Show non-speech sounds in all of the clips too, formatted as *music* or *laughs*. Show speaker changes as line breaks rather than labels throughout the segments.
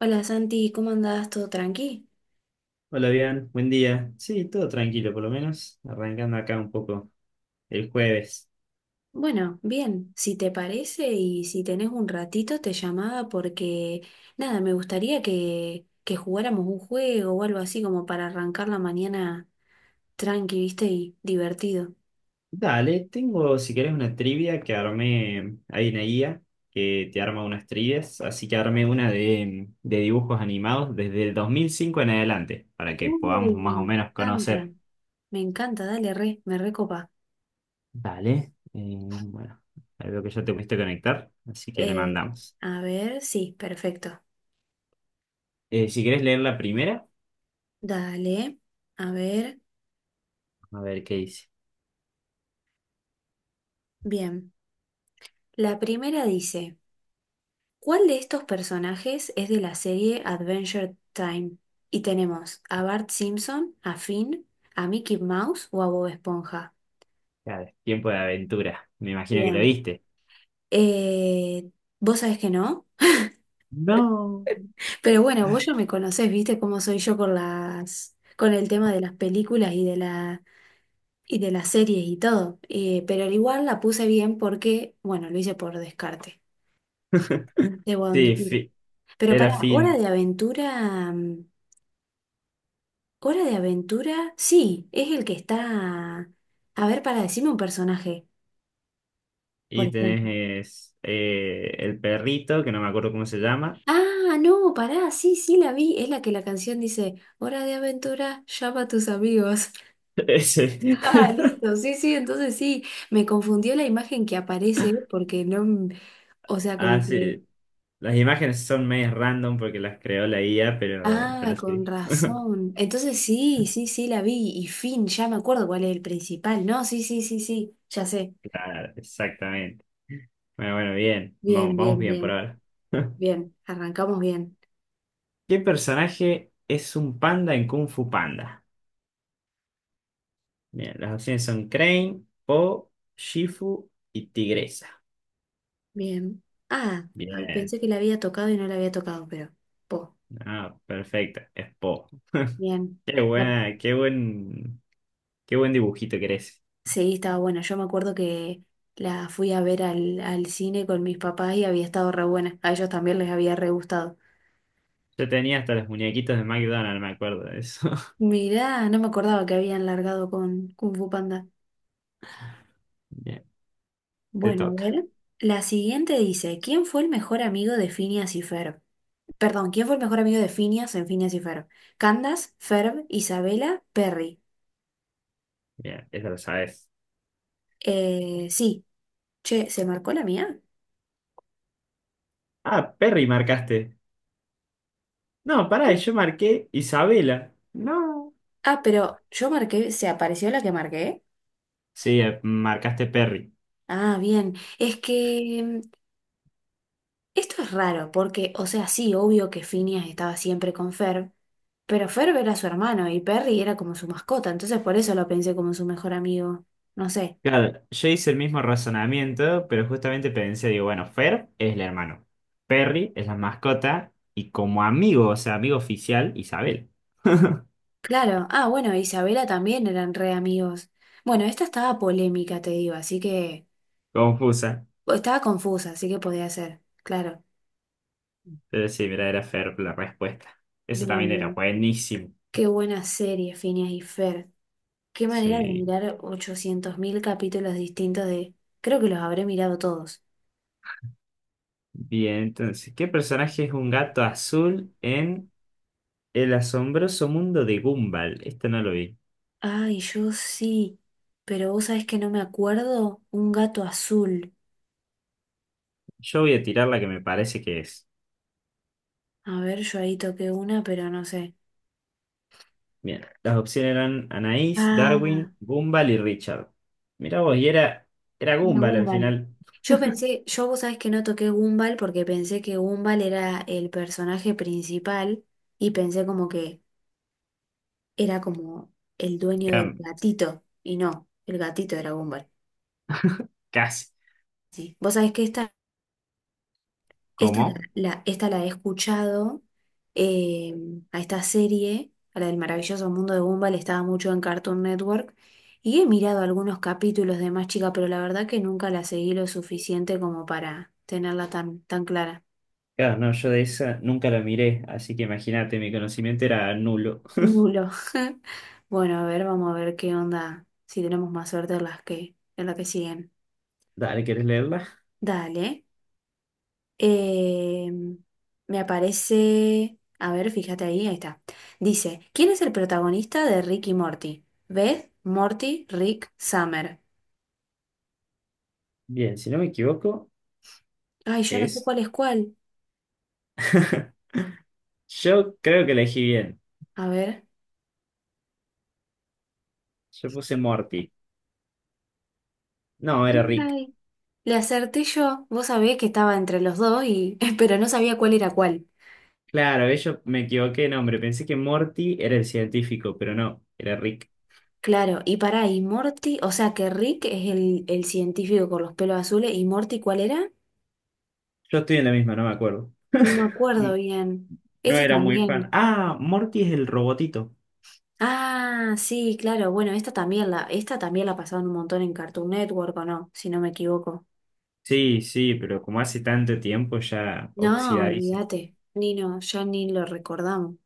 Hola Santi, ¿cómo andás? ¿Todo tranqui?
Hola, bien, buen día. Sí, todo tranquilo, por lo menos. Arrancando acá un poco el jueves.
Bueno, bien, si te parece y si tenés un ratito te llamaba porque nada, me gustaría que jugáramos un juego o algo así como para arrancar la mañana tranqui, ¿viste? Y divertido.
Dale, tengo, si querés, una trivia que armé. Hay una guía que te arma unas trivias, así que armé una de dibujos animados desde el 2005 en adelante, para que podamos
Uy,
más o menos conocer.
me encanta, dale re, me recopa.
Dale, bueno, ahí veo que ya te pudiste conectar, así que le
Eh,
mandamos.
a ver, sí, perfecto.
Si querés leer la primera,
Dale, a ver,
a ver qué dice.
bien. La primera dice. ¿Cuál de estos personajes es de la serie Adventure Time? Y tenemos a Bart Simpson, a Finn, a Mickey Mouse o a Bob Esponja.
Claro, tiempo de aventura. Me imagino que lo
Bien.
viste.
Eh, Vos sabés que no,
No.
pero bueno, vos ya me conocés, viste cómo soy yo con con el tema de las películas y y de las series y todo. Pero al igual la puse bien porque, bueno, lo hice por descarte, debo
Sí,
admitir. Pero
Era
para Hora
Finn.
de Aventura, ¿Hora de aventura? Sí, es el que está... A ver, para decirme un personaje, por
Y
ejemplo.
tenés el perrito, que no me acuerdo cómo se llama.
Ah, no, pará, sí, sí, la vi. Es la que la canción dice, Hora de aventura, llama a tus amigos. *laughs*
*laughs* Ese.
Ah,
*laughs*
listo, sí, sí, entonces sí, me confundió la imagen que aparece porque no... m- O sea, como
Ah,
que...
sí. Las imágenes son medio random porque las creó la IA, pero,
Ah,
pero
con
sí.
razón. Entonces sí, sí, sí, la vi. Y fin, ya me acuerdo cuál es el principal. No, sí, sí, sí, sí, ya sé.
Claro, exactamente. Bueno, bueno, bien.
Bien,
Vamos, vamos
bien,
bien por
bien,
ahora. *laughs*
bien. Arrancamos bien.
¿Qué personaje es un panda en Kung Fu Panda? Bien, las opciones son Crane, Po, Shifu y Tigresa.
Bien. Ah, ah,
Bien.
pensé que la había tocado y no la había tocado, pero. Po,
Ah, perfecto. Es Po.
bien.
Qué
La-
buena, qué buen dibujito que eres.
sí, estaba buena. Yo me acuerdo que la fui a ver al cine con mis papás y había estado re buena. A ellos también les había re gustado.
Yo tenía hasta los muñequitos de McDonald's, me acuerdo de eso. *laughs*
Mirá, no me acordaba que habían largado con Kung Fu Panda.
Bien, te
Bueno, a
toca.
ver. La siguiente dice: ¿Quién fue el mejor amigo de Phineas y Ferb? Perdón, ¿quién fue el mejor amigo de Phineas en Phineas y Ferb? Candace, Ferb, Isabela, Perry.
Bien, eso lo sabes.
Sí. Che, ¿se marcó la mía?
Ah, Perry marcaste. No, pará, yo marqué Isabela. No.
Ah, pero yo marqué, ¿se apareció la que marqué?
Sí, marcaste Perry.
Ah, bien. Es que esto es raro, porque, o sea, sí, obvio que Phineas estaba siempre con Ferb, pero Ferb era su hermano y Perry era como su mascota, entonces por eso lo pensé como su mejor amigo. No sé.
Claro, yo hice el mismo razonamiento, pero justamente pensé, digo, bueno, Fer es el hermano. Perry es la mascota y como amigo, o sea, amigo oficial, Isabel.
Claro. Ah, bueno, Isabela también eran re amigos. Bueno, esta estaba polémica, te digo, así que
Confusa.
o estaba confusa, así que podía ser. Claro.
Pero sí, mira, era Fer la respuesta. Eso
Bien,
también era
bien.
buenísimo.
Qué buena serie, Phineas y Ferb. Qué manera de
Sí,
mirar 800.000 capítulos distintos de... Creo que los habré mirado todos.
bien, entonces, ¿qué personaje es un gato azul en El asombroso mundo de Gumball? Este no lo vi.
Ay, yo sí. Pero vos sabés que no me acuerdo. Un gato azul.
Yo voy a tirar la que me parece que es.
A ver, yo ahí toqué una, pero no sé.
Bien, las opciones eran Anaís,
Ah,
Darwin, Gumball y Richard. Mirá vos, y era, era
una
Gumball al
Gumball.
final.
Yo pensé, yo vos sabés que no toqué Gumball porque pensé que Gumball era el personaje principal y pensé como que era como el dueño del
Cam-
gatito. Y no, el gatito era Gumball.
Casi.
Sí. Vos sabés que esta...
¿Cómo?
Esta la he escuchado, eh, a esta serie, a la del maravilloso mundo de Gumball, estaba mucho en Cartoon Network y he mirado algunos capítulos de más chica, pero la verdad que nunca la seguí lo suficiente como para tenerla tan clara.
Claro, no, yo de esa nunca la miré, así que imagínate, mi conocimiento era nulo.
Nulo. *laughs* Bueno, a ver, vamos a ver qué onda, si tenemos más suerte en en la que siguen.
Dale, ¿querés leerla?
Dale. Eh, Me aparece. A ver, fíjate ahí está. Dice: ¿Quién es el protagonista de Rick y Morty? Beth, Morty, Rick, Summer.
Bien, si no me equivoco,
Ay, yo no sé
es...
cuál es cuál.
*laughs* Yo creo que elegí bien.
A ver.
Yo puse Morty. No, era Rick.
Ay, le acerté yo. Vos sabés que estaba entre los dos, y... *laughs* pero no sabía cuál era cuál.
Claro, yo me equivoqué de nombre. Pensé que Morty era el científico, pero no, era Rick.
Claro, y pará, y Morty, o sea que Rick es el científico con los pelos azules, y Morty, ¿cuál era?
Yo estoy en la misma, no me acuerdo.
No me
*laughs*
acuerdo
N-
bien.
No
Ese
era muy fan.
también.
Ah, Morty es el robotito.
Ah, sí, claro. Bueno, esta también la pasaban un montón en Cartoon Network, ¿o no? Si no me equivoco.
Sí, sí, pero como hace tanto tiempo ya
No,
oxidadísimo.
olvídate. Ni no, ya ni lo recordamos.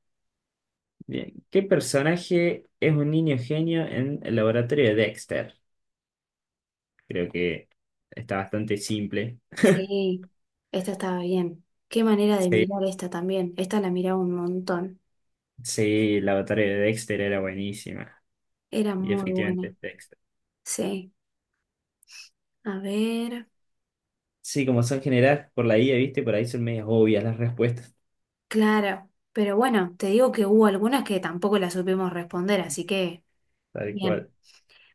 Bien, ¿qué personaje es un niño genio en el laboratorio de Dexter? Creo que está bastante simple.
Sí, esta estaba bien. Qué manera de
Sí,
mirar esta también. Esta la miraba un montón.
sí, el laboratorio de Dexter era buenísima.
Era
Y
muy
efectivamente
buena.
es Dexter.
Sí. A ver.
Sí, como son generadas por la IA, ¿viste? Por ahí son medias obvias las respuestas,
Claro. Pero bueno, te digo que hubo algunas que tampoco las supimos responder, así que
tal
bien.
cual.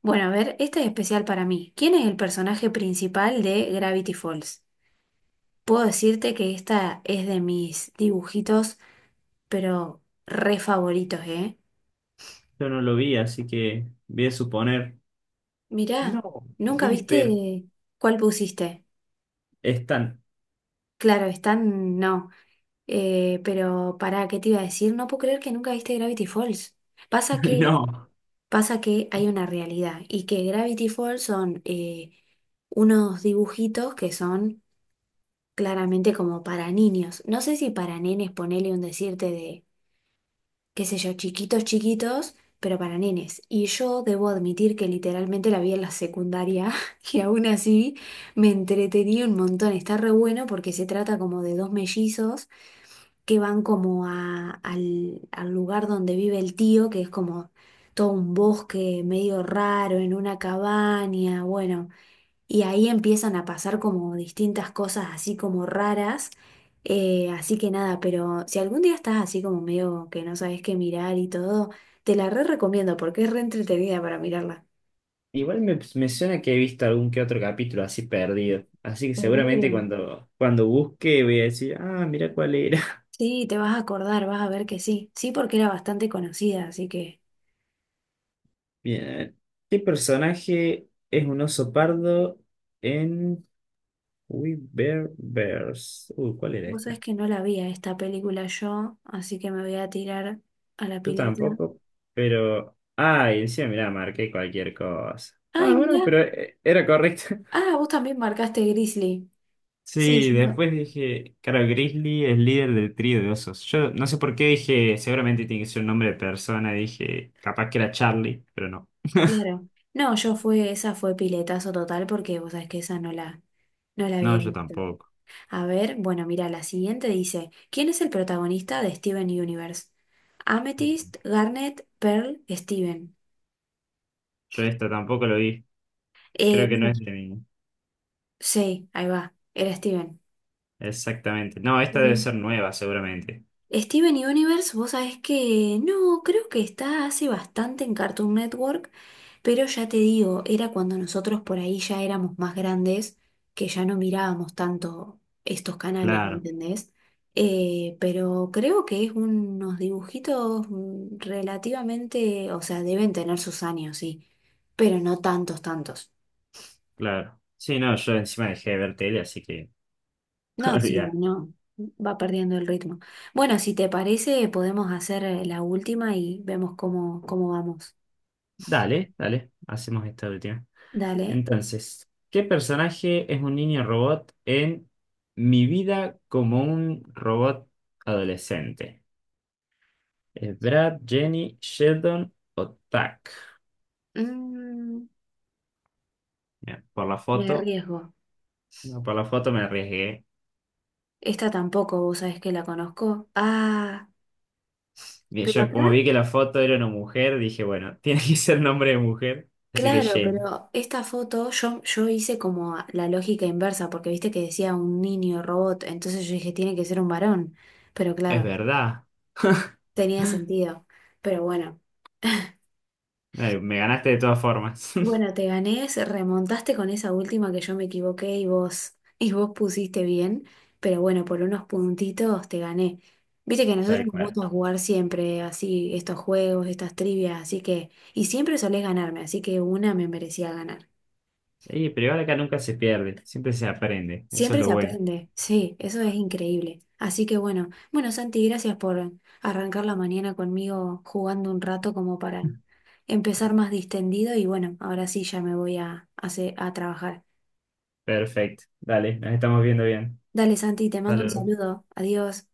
Bueno, a ver, esta es especial para mí. ¿Quién es el personaje principal de Gravity Falls? Puedo decirte que esta es de mis dibujitos, pero re favoritos, ¿eh?
Yo no lo vi, así que voy a suponer.
Mirá,
No,
¿nunca
Dipper,
viste cuál pusiste?
están.
Claro, están, no. Pero para ¿qué te iba a decir? No puedo creer que nunca viste Gravity Falls. Pasa
*laughs*
que,
No.
Pasa que hay una realidad y que Gravity Falls son unos dibujitos que son claramente como para niños. No sé si para nenes, ponele un decirte de qué sé yo, chiquitos, chiquitos, pero para nenes. Y yo debo admitir que literalmente la vi en la secundaria *laughs* y aún así me entretenía un montón. Está re bueno porque se trata como de dos mellizos que van como al lugar donde vive el tío, que es como todo un bosque medio raro, en una cabaña, bueno. Y ahí empiezan a pasar como distintas cosas así como raras. Así que nada, pero si algún día estás así como medio que no sabes qué mirar y todo, te la re recomiendo porque es re entretenida para mirarla.
Igual me, me suena que he visto algún que otro capítulo así perdido. Así que seguramente
Seguro.
cuando, cuando busque voy a decir, ah, mira cuál era. *laughs*
Sí, te vas a acordar, vas a ver que sí. Sí, porque era bastante conocida, así que
Bien. ¿Qué personaje es un oso pardo en We Bear Bears? Uy, ¿cuál era
vos sabés
esta?
que no la vi a esta película yo, así que me voy a tirar a la
Yo
pileta.
tampoco, pero... Ay, encima, mirá, marqué cualquier cosa. Ah,
Ay,
bueno,
mira.
pero era correcto. *laughs*
Ah, vos también marcaste Grizzly. Sí,
Sí,
yo-
después dije, claro, Grizzly es líder del trío de osos. Yo no sé por qué dije, seguramente tiene que ser un nombre de persona, dije, capaz que era Charlie, pero no.
Claro. No, yo fue, esa fue piletazo total porque vos sabés que esa no la
No,
había
yo
visto.
tampoco.
A ver, bueno, mira, la siguiente dice, ¿quién es el protagonista de Steven Universe? Amethyst, Garnet, Pearl, Steven.
Yo esta tampoco lo vi. Creo que no
Bueno,
es de mí.
sí, ahí va, era Steven.
Exactamente. No, esta debe ser
Bien.
nueva, seguramente.
Steven Universe, vos sabés que no, creo que está hace bastante en Cartoon Network. Pero ya te digo, era cuando nosotros por ahí ya éramos más grandes, que ya no mirábamos tanto estos canales, ¿me
Claro,
entendés? Pero creo que es unos dibujitos relativamente, o sea, deben tener sus años, sí, pero no tantos, tantos.
claro. Sí, no, yo encima dejé de ver tele, así que *laughs*
No, sí,
olvidar.
no, va perdiendo el ritmo. Bueno, si te parece, podemos hacer la última y vemos cómo, cómo vamos.
Dale, dale, hacemos esta última.
Dale.
Entonces, ¿qué personaje es un niño robot en Mi vida como un robot adolescente? ¿Es Brad, Jenny, Sheldon o Tuck?
Mm,
Mira, por la
me
foto,
arriesgo.
no, por la foto me arriesgué.
Esta tampoco, vos sabés que la conozco. Ah,
Bien,
pero
yo como
acá,
vi que la foto era una mujer, dije, bueno, *laughs* tiene que ser nombre de mujer, así que
claro,
Jenny.
pero esta foto yo, yo hice como la lógica inversa, porque viste que decía un niño robot, entonces yo dije, tiene que ser un varón, pero
Es
claro,
verdad.
tenía
*laughs*
sentido. Pero bueno.
Ay, me ganaste de todas formas. *laughs*
Bueno, te gané, remontaste con esa última que yo me equivoqué y vos, *laughs* y vos pusiste bien, pero bueno, por unos puntitos te gané. Viste que a nosotros
Tal
nos
cual.
gusta jugar siempre así, estos juegos, estas trivias, así que, y siempre solés ganarme, así que una me merecía ganar.
Y, pero igual acá nunca se pierde, siempre se aprende, eso es
Siempre
lo
se
bueno.
aprende, sí, eso es increíble. Así que bueno, bueno, Santi, gracias por arrancar la mañana conmigo jugando un rato como para empezar más distendido y bueno, ahora sí ya me voy a, a trabajar.
Perfecto, dale, nos estamos viendo bien.
Dale, Santi, te mando un
Saludos.
saludo. Adiós.